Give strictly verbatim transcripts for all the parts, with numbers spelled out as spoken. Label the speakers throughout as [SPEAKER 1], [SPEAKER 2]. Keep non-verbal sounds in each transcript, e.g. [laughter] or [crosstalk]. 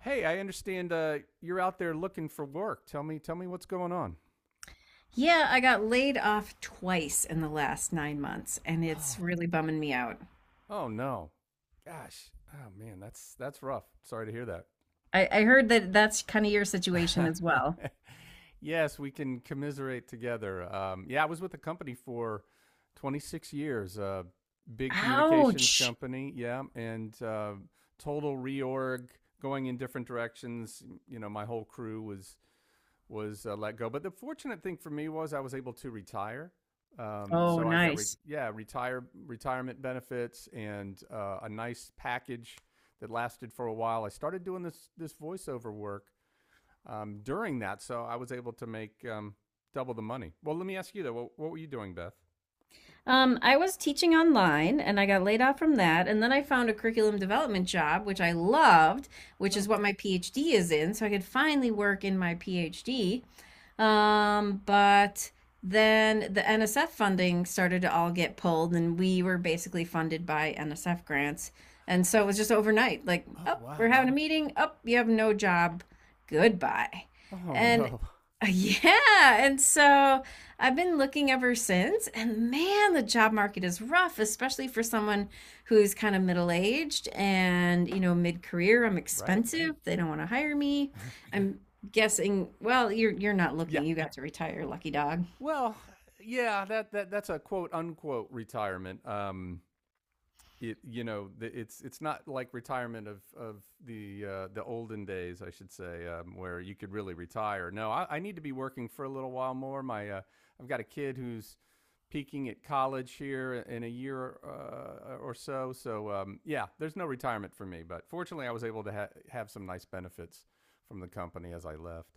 [SPEAKER 1] Hey, I understand uh, you're out there looking for work. Tell me, tell me what's going on.
[SPEAKER 2] Yeah, I got laid off twice in the last nine months, and it's
[SPEAKER 1] Oh,
[SPEAKER 2] really bumming me out.
[SPEAKER 1] oh no, gosh, oh man, that's that's rough. Sorry to hear
[SPEAKER 2] I, I heard that that's kind of your situation
[SPEAKER 1] that.
[SPEAKER 2] as well.
[SPEAKER 1] [laughs] Yes, we can commiserate together. Um, yeah, I was with the company for twenty-six years, a big communications
[SPEAKER 2] Ouch.
[SPEAKER 1] company. Yeah, and uh, total reorg, going in different directions. You know, my whole crew was was uh, let go. But the fortunate thing for me was I was able to retire. Um,
[SPEAKER 2] Oh,
[SPEAKER 1] so I got re-
[SPEAKER 2] nice.
[SPEAKER 1] yeah retire retirement benefits and uh, a nice package that lasted for a while. I started doing this this voiceover work um, during that, so I was able to make um, double the money. Well, let me ask you though, what, what were you doing, Beth?
[SPEAKER 2] Um, I was teaching online and I got laid off from that. And then I found a curriculum development job, which I loved, which is
[SPEAKER 1] Oh,
[SPEAKER 2] what my PhD is in. So I could finally work in my PhD. Um, but then the N S F funding started to all get pulled, and we were basically funded by N S F grants. And so it was just overnight, like,
[SPEAKER 1] oh
[SPEAKER 2] oh, we're
[SPEAKER 1] wow.
[SPEAKER 2] having a meeting. Oh, you have no job. Goodbye. Oh.
[SPEAKER 1] Oh
[SPEAKER 2] And
[SPEAKER 1] no.
[SPEAKER 2] [laughs] yeah, and so I've been looking ever since, and man, the job market is rough, especially for someone who's kind of middle aged and, you know, mid career. I'm
[SPEAKER 1] [laughs] Right?
[SPEAKER 2] expensive. They don't want to hire me. I'm guessing, well, you're you're not
[SPEAKER 1] Yeah.
[SPEAKER 2] looking. You got to retire, lucky dog.
[SPEAKER 1] Well, yeah, that that that's a quote unquote retirement. Um, it you know it's it's not like retirement of of the uh, the olden days I should say, um, where you could really retire. No, I, I need to be working for a little while more. My uh, I've got a kid who's peaking at college here in a year uh, or so. So um, yeah, there's no retirement for me, but fortunately I was able to ha- have some nice benefits from the company as I left.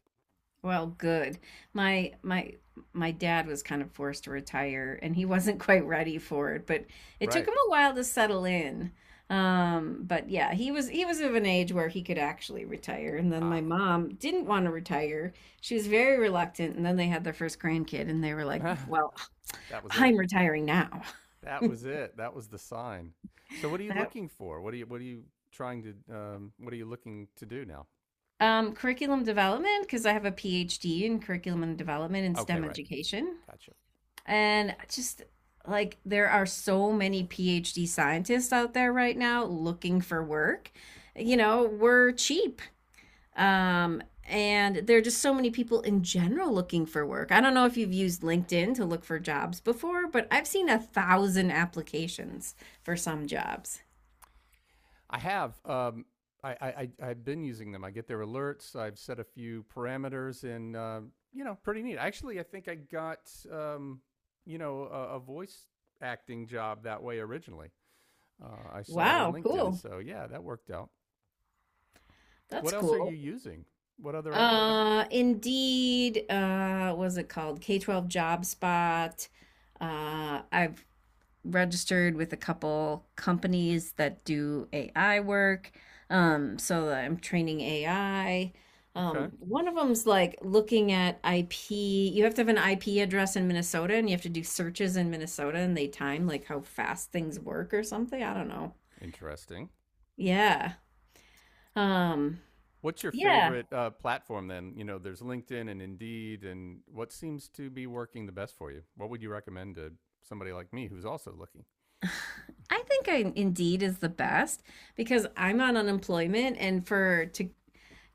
[SPEAKER 2] Well, good. My my my dad was kind of forced to retire and he [laughs] wasn't quite ready for it, but it took
[SPEAKER 1] Right.
[SPEAKER 2] him a while to settle in. Um, but yeah, he was he was of an age where he could actually retire. And then
[SPEAKER 1] Ah,
[SPEAKER 2] my mom didn't want to retire. She was very reluctant, and then they had their first grandkid and they were
[SPEAKER 1] [laughs]
[SPEAKER 2] like,
[SPEAKER 1] that
[SPEAKER 2] "Well,
[SPEAKER 1] was it.
[SPEAKER 2] I'm retiring now."
[SPEAKER 1] That was it. That was the sign. So
[SPEAKER 2] [laughs]
[SPEAKER 1] what are you
[SPEAKER 2] That
[SPEAKER 1] looking for? What are you what are you trying to um, what are you looking to do now?
[SPEAKER 2] um curriculum development because I have a PhD in curriculum and development in
[SPEAKER 1] Okay,
[SPEAKER 2] STEM
[SPEAKER 1] right.
[SPEAKER 2] education.
[SPEAKER 1] Gotcha.
[SPEAKER 2] And just like there are so many PhD scientists out there right now looking for work. You know, we're cheap. Um, and there are just so many people in general looking for work. I don't know if you've used LinkedIn to look for jobs before, but I've seen a thousand applications for some jobs.
[SPEAKER 1] I have um, I, I I- have been using them. I get their alerts. I've set a few parameters, and uh, you know, pretty neat. Actually, I think I got, um, you know, a, a voice acting job that way originally. Uh, I saw it in
[SPEAKER 2] Wow,
[SPEAKER 1] LinkedIn,
[SPEAKER 2] cool.
[SPEAKER 1] so yeah, that worked out.
[SPEAKER 2] That's
[SPEAKER 1] What else are you
[SPEAKER 2] cool.
[SPEAKER 1] using? What other apps?
[SPEAKER 2] Uh, Indeed, uh, what was it called? K twelve Job Spot. Uh, I've registered with a couple companies that do A I work. Um, so I'm training A I.
[SPEAKER 1] Okay,
[SPEAKER 2] Um, one of them's like looking at I P. You have to have an I P address in Minnesota and you have to do searches in Minnesota and they time like how fast things work or something. I don't know.
[SPEAKER 1] interesting.
[SPEAKER 2] Yeah. Um,
[SPEAKER 1] What's your
[SPEAKER 2] yeah.
[SPEAKER 1] favorite uh, platform then? You know, there's LinkedIn and Indeed, and what seems to be working the best for you? What would you recommend to somebody like me who's also looking?
[SPEAKER 2] I think I, Indeed is the best because I'm on unemployment and for to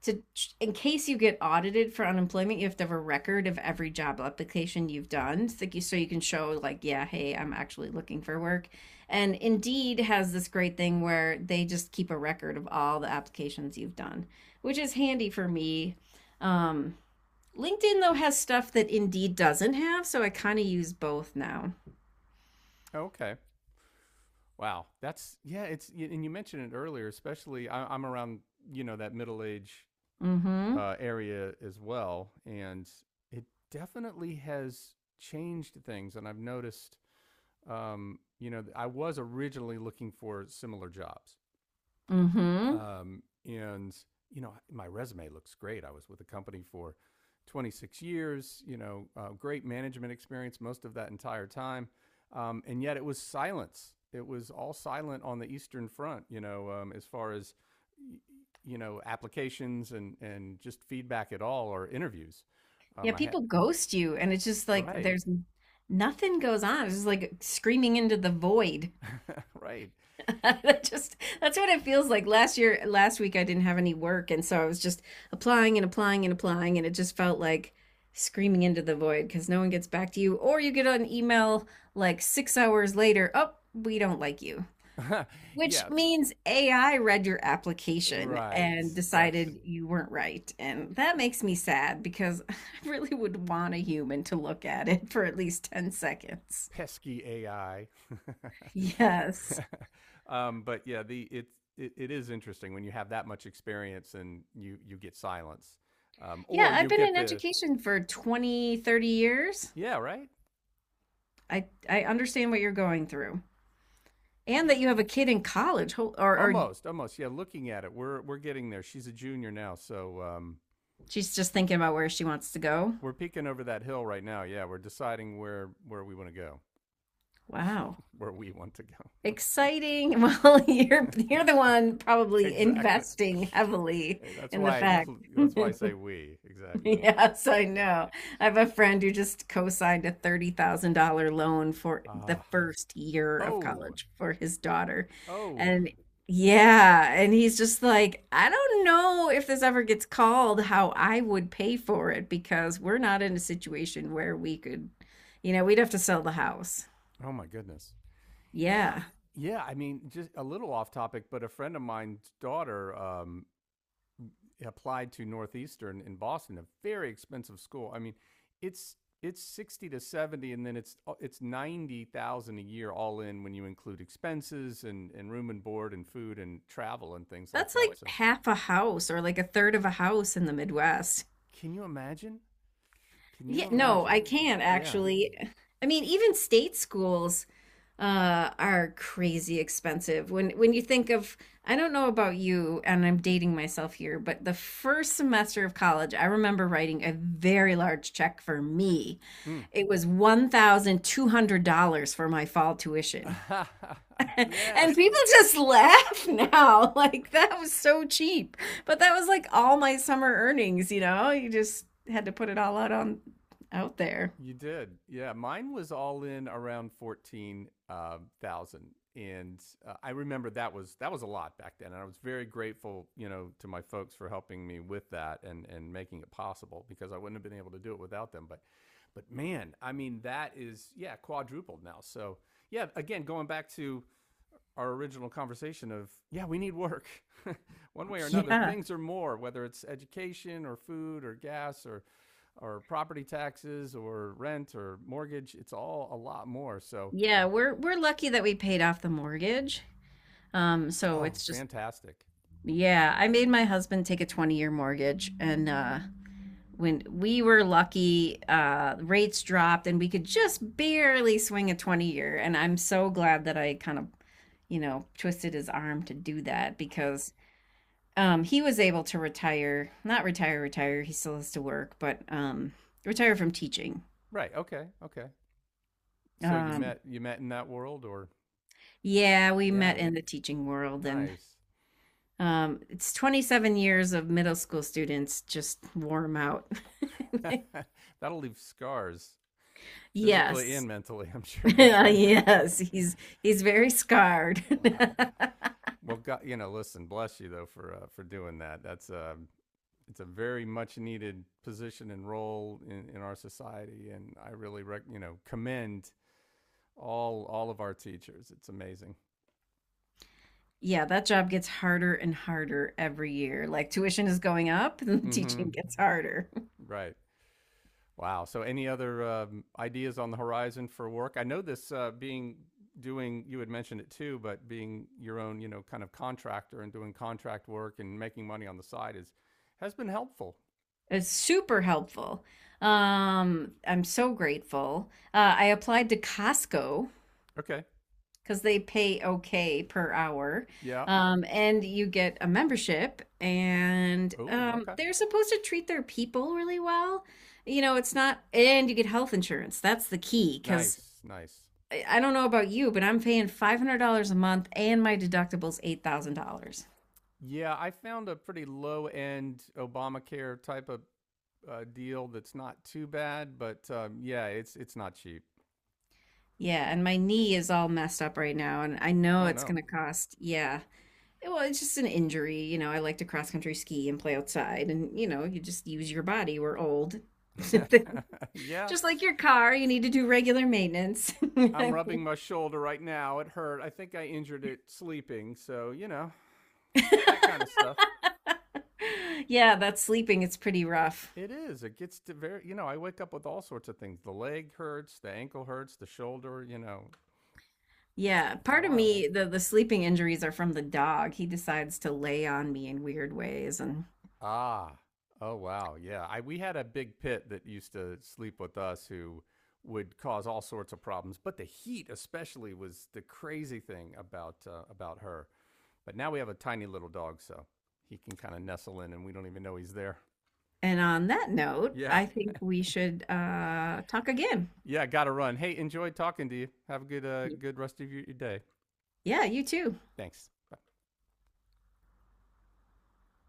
[SPEAKER 2] to in case you get audited for unemployment, you have to have a record of every job application you've done, so you, so you can show like, yeah, hey, I'm actually looking for work. And Indeed has this great thing where they just keep a record of all the applications you've done, which is handy for me. Um, LinkedIn though has stuff that Indeed doesn't have, so I kind of use both now.
[SPEAKER 1] Okay. Wow. That's, yeah, it's, and you mentioned it earlier, especially I, I'm around, you know, that middle age
[SPEAKER 2] Mm-hmm.
[SPEAKER 1] uh, area as well. And it definitely has changed things. And I've noticed, um, you know, I was originally looking for similar jobs.
[SPEAKER 2] Mm-hmm.
[SPEAKER 1] Um, and, you know, my resume looks great. I was with the company for twenty-six years, you know, uh, great management experience most of that entire time. Um, and yet it was silence. It was all silent on the Eastern Front, you know, um, as far as, you know, applications and, and just feedback at all or interviews.
[SPEAKER 2] Yeah,
[SPEAKER 1] Um, I had,
[SPEAKER 2] people ghost you, and it's just like
[SPEAKER 1] right,
[SPEAKER 2] there's nothing goes on. It's just like screaming into the void.
[SPEAKER 1] right.
[SPEAKER 2] [laughs] that just that's what it feels like. Last year, last week, I didn't have any work, and so I was just applying and applying and applying, and it just felt like screaming into the void because no one gets back to you, or you get an email like six hours later, oh, we don't like you,
[SPEAKER 1] [laughs]
[SPEAKER 2] which
[SPEAKER 1] Yeah,
[SPEAKER 2] means A I read your application
[SPEAKER 1] right.
[SPEAKER 2] and
[SPEAKER 1] That's,
[SPEAKER 2] decided you weren't right, and that makes me sad because [laughs] I really would want a human to look at it for at least ten seconds.
[SPEAKER 1] pesky A I.
[SPEAKER 2] Yes.
[SPEAKER 1] [laughs] um, but yeah, the it's it, it is interesting when you have that much experience and you you get silence, um, or
[SPEAKER 2] Yeah, I've
[SPEAKER 1] you
[SPEAKER 2] been
[SPEAKER 1] get
[SPEAKER 2] in
[SPEAKER 1] the,
[SPEAKER 2] education for twenty, thirty years.
[SPEAKER 1] yeah, right,
[SPEAKER 2] I I understand what you're going through. And that
[SPEAKER 1] yeah,
[SPEAKER 2] you have a kid in college ho- or or
[SPEAKER 1] almost almost yeah. Looking at it, we're we're getting there. She's a junior now, so um,
[SPEAKER 2] she's just thinking about where she wants to go.
[SPEAKER 1] we're peeking over that hill right now. Yeah, we're deciding where where we want to go,
[SPEAKER 2] Wow.
[SPEAKER 1] where we want to go.
[SPEAKER 2] Exciting. [laughs] Well, you're you're the one
[SPEAKER 1] [laughs]
[SPEAKER 2] probably
[SPEAKER 1] Exactly.
[SPEAKER 2] investing heavily
[SPEAKER 1] Hey, that's
[SPEAKER 2] in the
[SPEAKER 1] why I
[SPEAKER 2] fact. [laughs]
[SPEAKER 1] that's why I say we,
[SPEAKER 2] [laughs]
[SPEAKER 1] exactly.
[SPEAKER 2] Yes, I
[SPEAKER 1] Yes.
[SPEAKER 2] know. I have a friend who just co-signed a thirty thousand dollars loan for
[SPEAKER 1] Ah.
[SPEAKER 2] the
[SPEAKER 1] Uh,
[SPEAKER 2] first year of
[SPEAKER 1] oh.
[SPEAKER 2] college for his daughter.
[SPEAKER 1] Oh.
[SPEAKER 2] And yeah, and he's just like, I don't know if this ever gets called how I would pay for it because we're not in a situation where we could, you know, we'd have to sell the house.
[SPEAKER 1] Oh my goodness. Yeah.
[SPEAKER 2] Yeah.
[SPEAKER 1] Yeah, I mean, just a little off topic, but a friend of mine's daughter, um, applied to Northeastern in Boston, a very expensive school. I mean, it's it's sixty to seventy, and then it's uh, it's ninety thousand a year all in when you include expenses and and room and board and food and travel and things like
[SPEAKER 2] That's
[SPEAKER 1] that.
[SPEAKER 2] like
[SPEAKER 1] So,
[SPEAKER 2] half a house or like a third of a house in the Midwest.
[SPEAKER 1] can you imagine? Can you
[SPEAKER 2] Yeah, no,
[SPEAKER 1] imagine?
[SPEAKER 2] I can
[SPEAKER 1] Yeah.
[SPEAKER 2] actually. I mean, even state schools uh, are crazy expensive. When when you think of, I don't know about you, and I'm dating myself here, but the first semester of college, I remember writing a very large check for me.
[SPEAKER 1] Mm.
[SPEAKER 2] It was one thousand two hundred dollars for my fall tuition.
[SPEAKER 1] [laughs]
[SPEAKER 2] [laughs] And
[SPEAKER 1] Yes.
[SPEAKER 2] people just laugh now, [laughs] like that was so cheap. But that was like all my summer earnings, you know? You just had to put it all out on out there.
[SPEAKER 1] You did. Yeah, mine was all in around fourteen thousand, and uh, I remember that was that was a lot back then, and I was very grateful, you know, to my folks for helping me with that and and making it possible because I wouldn't have been able to do it without them, but but man, I mean that is, yeah, quadrupled now. So, yeah, again, going back to our original conversation of yeah, we need work. [laughs] One way or another,
[SPEAKER 2] Yeah.
[SPEAKER 1] things are more, whether it's education or food or gas or or property taxes or rent or mortgage, it's all a lot more. So,
[SPEAKER 2] Yeah, we're we're lucky that we paid off the mortgage. Um, so
[SPEAKER 1] oh
[SPEAKER 2] it's just
[SPEAKER 1] fantastic,
[SPEAKER 2] Yeah, I made my husband take a twenty-year mortgage and uh when we were lucky, uh rates dropped and we could just barely swing a twenty-year and I'm so glad that I kind of, you know, twisted his arm to do that because um he was able to retire, not retire retire, he still has to work, but um retire from teaching.
[SPEAKER 1] right, okay, okay, so you
[SPEAKER 2] Um
[SPEAKER 1] met you met in that world, or
[SPEAKER 2] yeah, we met
[SPEAKER 1] yeah,
[SPEAKER 2] in the teaching world and
[SPEAKER 1] nice.
[SPEAKER 2] Um, it's twenty-seven years of middle school students just warm out. [laughs]
[SPEAKER 1] [laughs] That'll leave scars, physically
[SPEAKER 2] Yes.
[SPEAKER 1] and mentally, I'm
[SPEAKER 2] [laughs]
[SPEAKER 1] sure. [laughs]
[SPEAKER 2] Yes, he's he's very scarred. [laughs]
[SPEAKER 1] Wow. Well, god, you know, listen, bless you though for uh, for doing that. That's, um it's a very much needed position and role in, in our society. And I really, rec- you know, commend all all of our teachers. It's amazing.
[SPEAKER 2] Yeah, that job gets harder and harder every year. Like tuition is going up [laughs] and the
[SPEAKER 1] Mm hmm
[SPEAKER 2] teaching gets harder. [laughs]
[SPEAKER 1] Right. Wow. So, any other um, ideas on the horizon for work? I know this uh, being doing you had mentioned it too, but being your own, you know, kind of contractor and doing contract work and making money on the side is has been helpful.
[SPEAKER 2] It's super helpful. Um, I'm so grateful. Uh, I applied to Costco
[SPEAKER 1] Okay.
[SPEAKER 2] because they pay okay per hour.
[SPEAKER 1] Yeah.
[SPEAKER 2] Um, and you get a membership, and
[SPEAKER 1] Oh.
[SPEAKER 2] um,
[SPEAKER 1] Okay.
[SPEAKER 2] they're supposed to treat their people really well. You know, it's not, and you get health insurance. That's the key because
[SPEAKER 1] Nice. Nice.
[SPEAKER 2] I I don't know about you, but I'm paying five hundred dollars a month and my deductible's eight thousand dollars.
[SPEAKER 1] Yeah, I found a pretty low end Obamacare type of uh, deal that's not too bad, but um, yeah, it's it's not cheap.
[SPEAKER 2] Yeah, and my knee is all messed up right now, and I know
[SPEAKER 1] Oh
[SPEAKER 2] it's going
[SPEAKER 1] no.
[SPEAKER 2] to cost, yeah. Well, it's just an injury. You know, I like to cross country ski and play outside, and you know, you just use your body. We're old.
[SPEAKER 1] [laughs]
[SPEAKER 2] [laughs]
[SPEAKER 1] Yeah,
[SPEAKER 2] Just like your car, you need to do regular maintenance.
[SPEAKER 1] I'm
[SPEAKER 2] [laughs]
[SPEAKER 1] rubbing my shoulder right now. It hurt. I think I injured it sleeping, so you know, that kind of stuff.
[SPEAKER 2] Yeah, that's sleeping. It's pretty rough.
[SPEAKER 1] It is. It gets to very. You know, I wake up with all sorts of things. The leg hurts. The ankle hurts. The shoulder. You know,
[SPEAKER 2] Yeah,
[SPEAKER 1] it's
[SPEAKER 2] part of
[SPEAKER 1] wild.
[SPEAKER 2] me, the the sleeping injuries are from the dog. He decides to lay on me in weird ways. And
[SPEAKER 1] Ah, oh wow, yeah. I We had a big pit that used to sleep with us, who would cause all sorts of problems, but the heat especially was the crazy thing about uh, about her. But now we have a tiny little dog, so he can kind of nestle in, and we don't even know he's there.
[SPEAKER 2] and on that note,
[SPEAKER 1] Yeah,
[SPEAKER 2] I think we should uh talk again.
[SPEAKER 1] yeah. Got to run. Hey, enjoyed talking to you. Have a good uh,
[SPEAKER 2] Y-
[SPEAKER 1] good rest of your, your day.
[SPEAKER 2] Yeah, you too.
[SPEAKER 1] Thanks. Bye.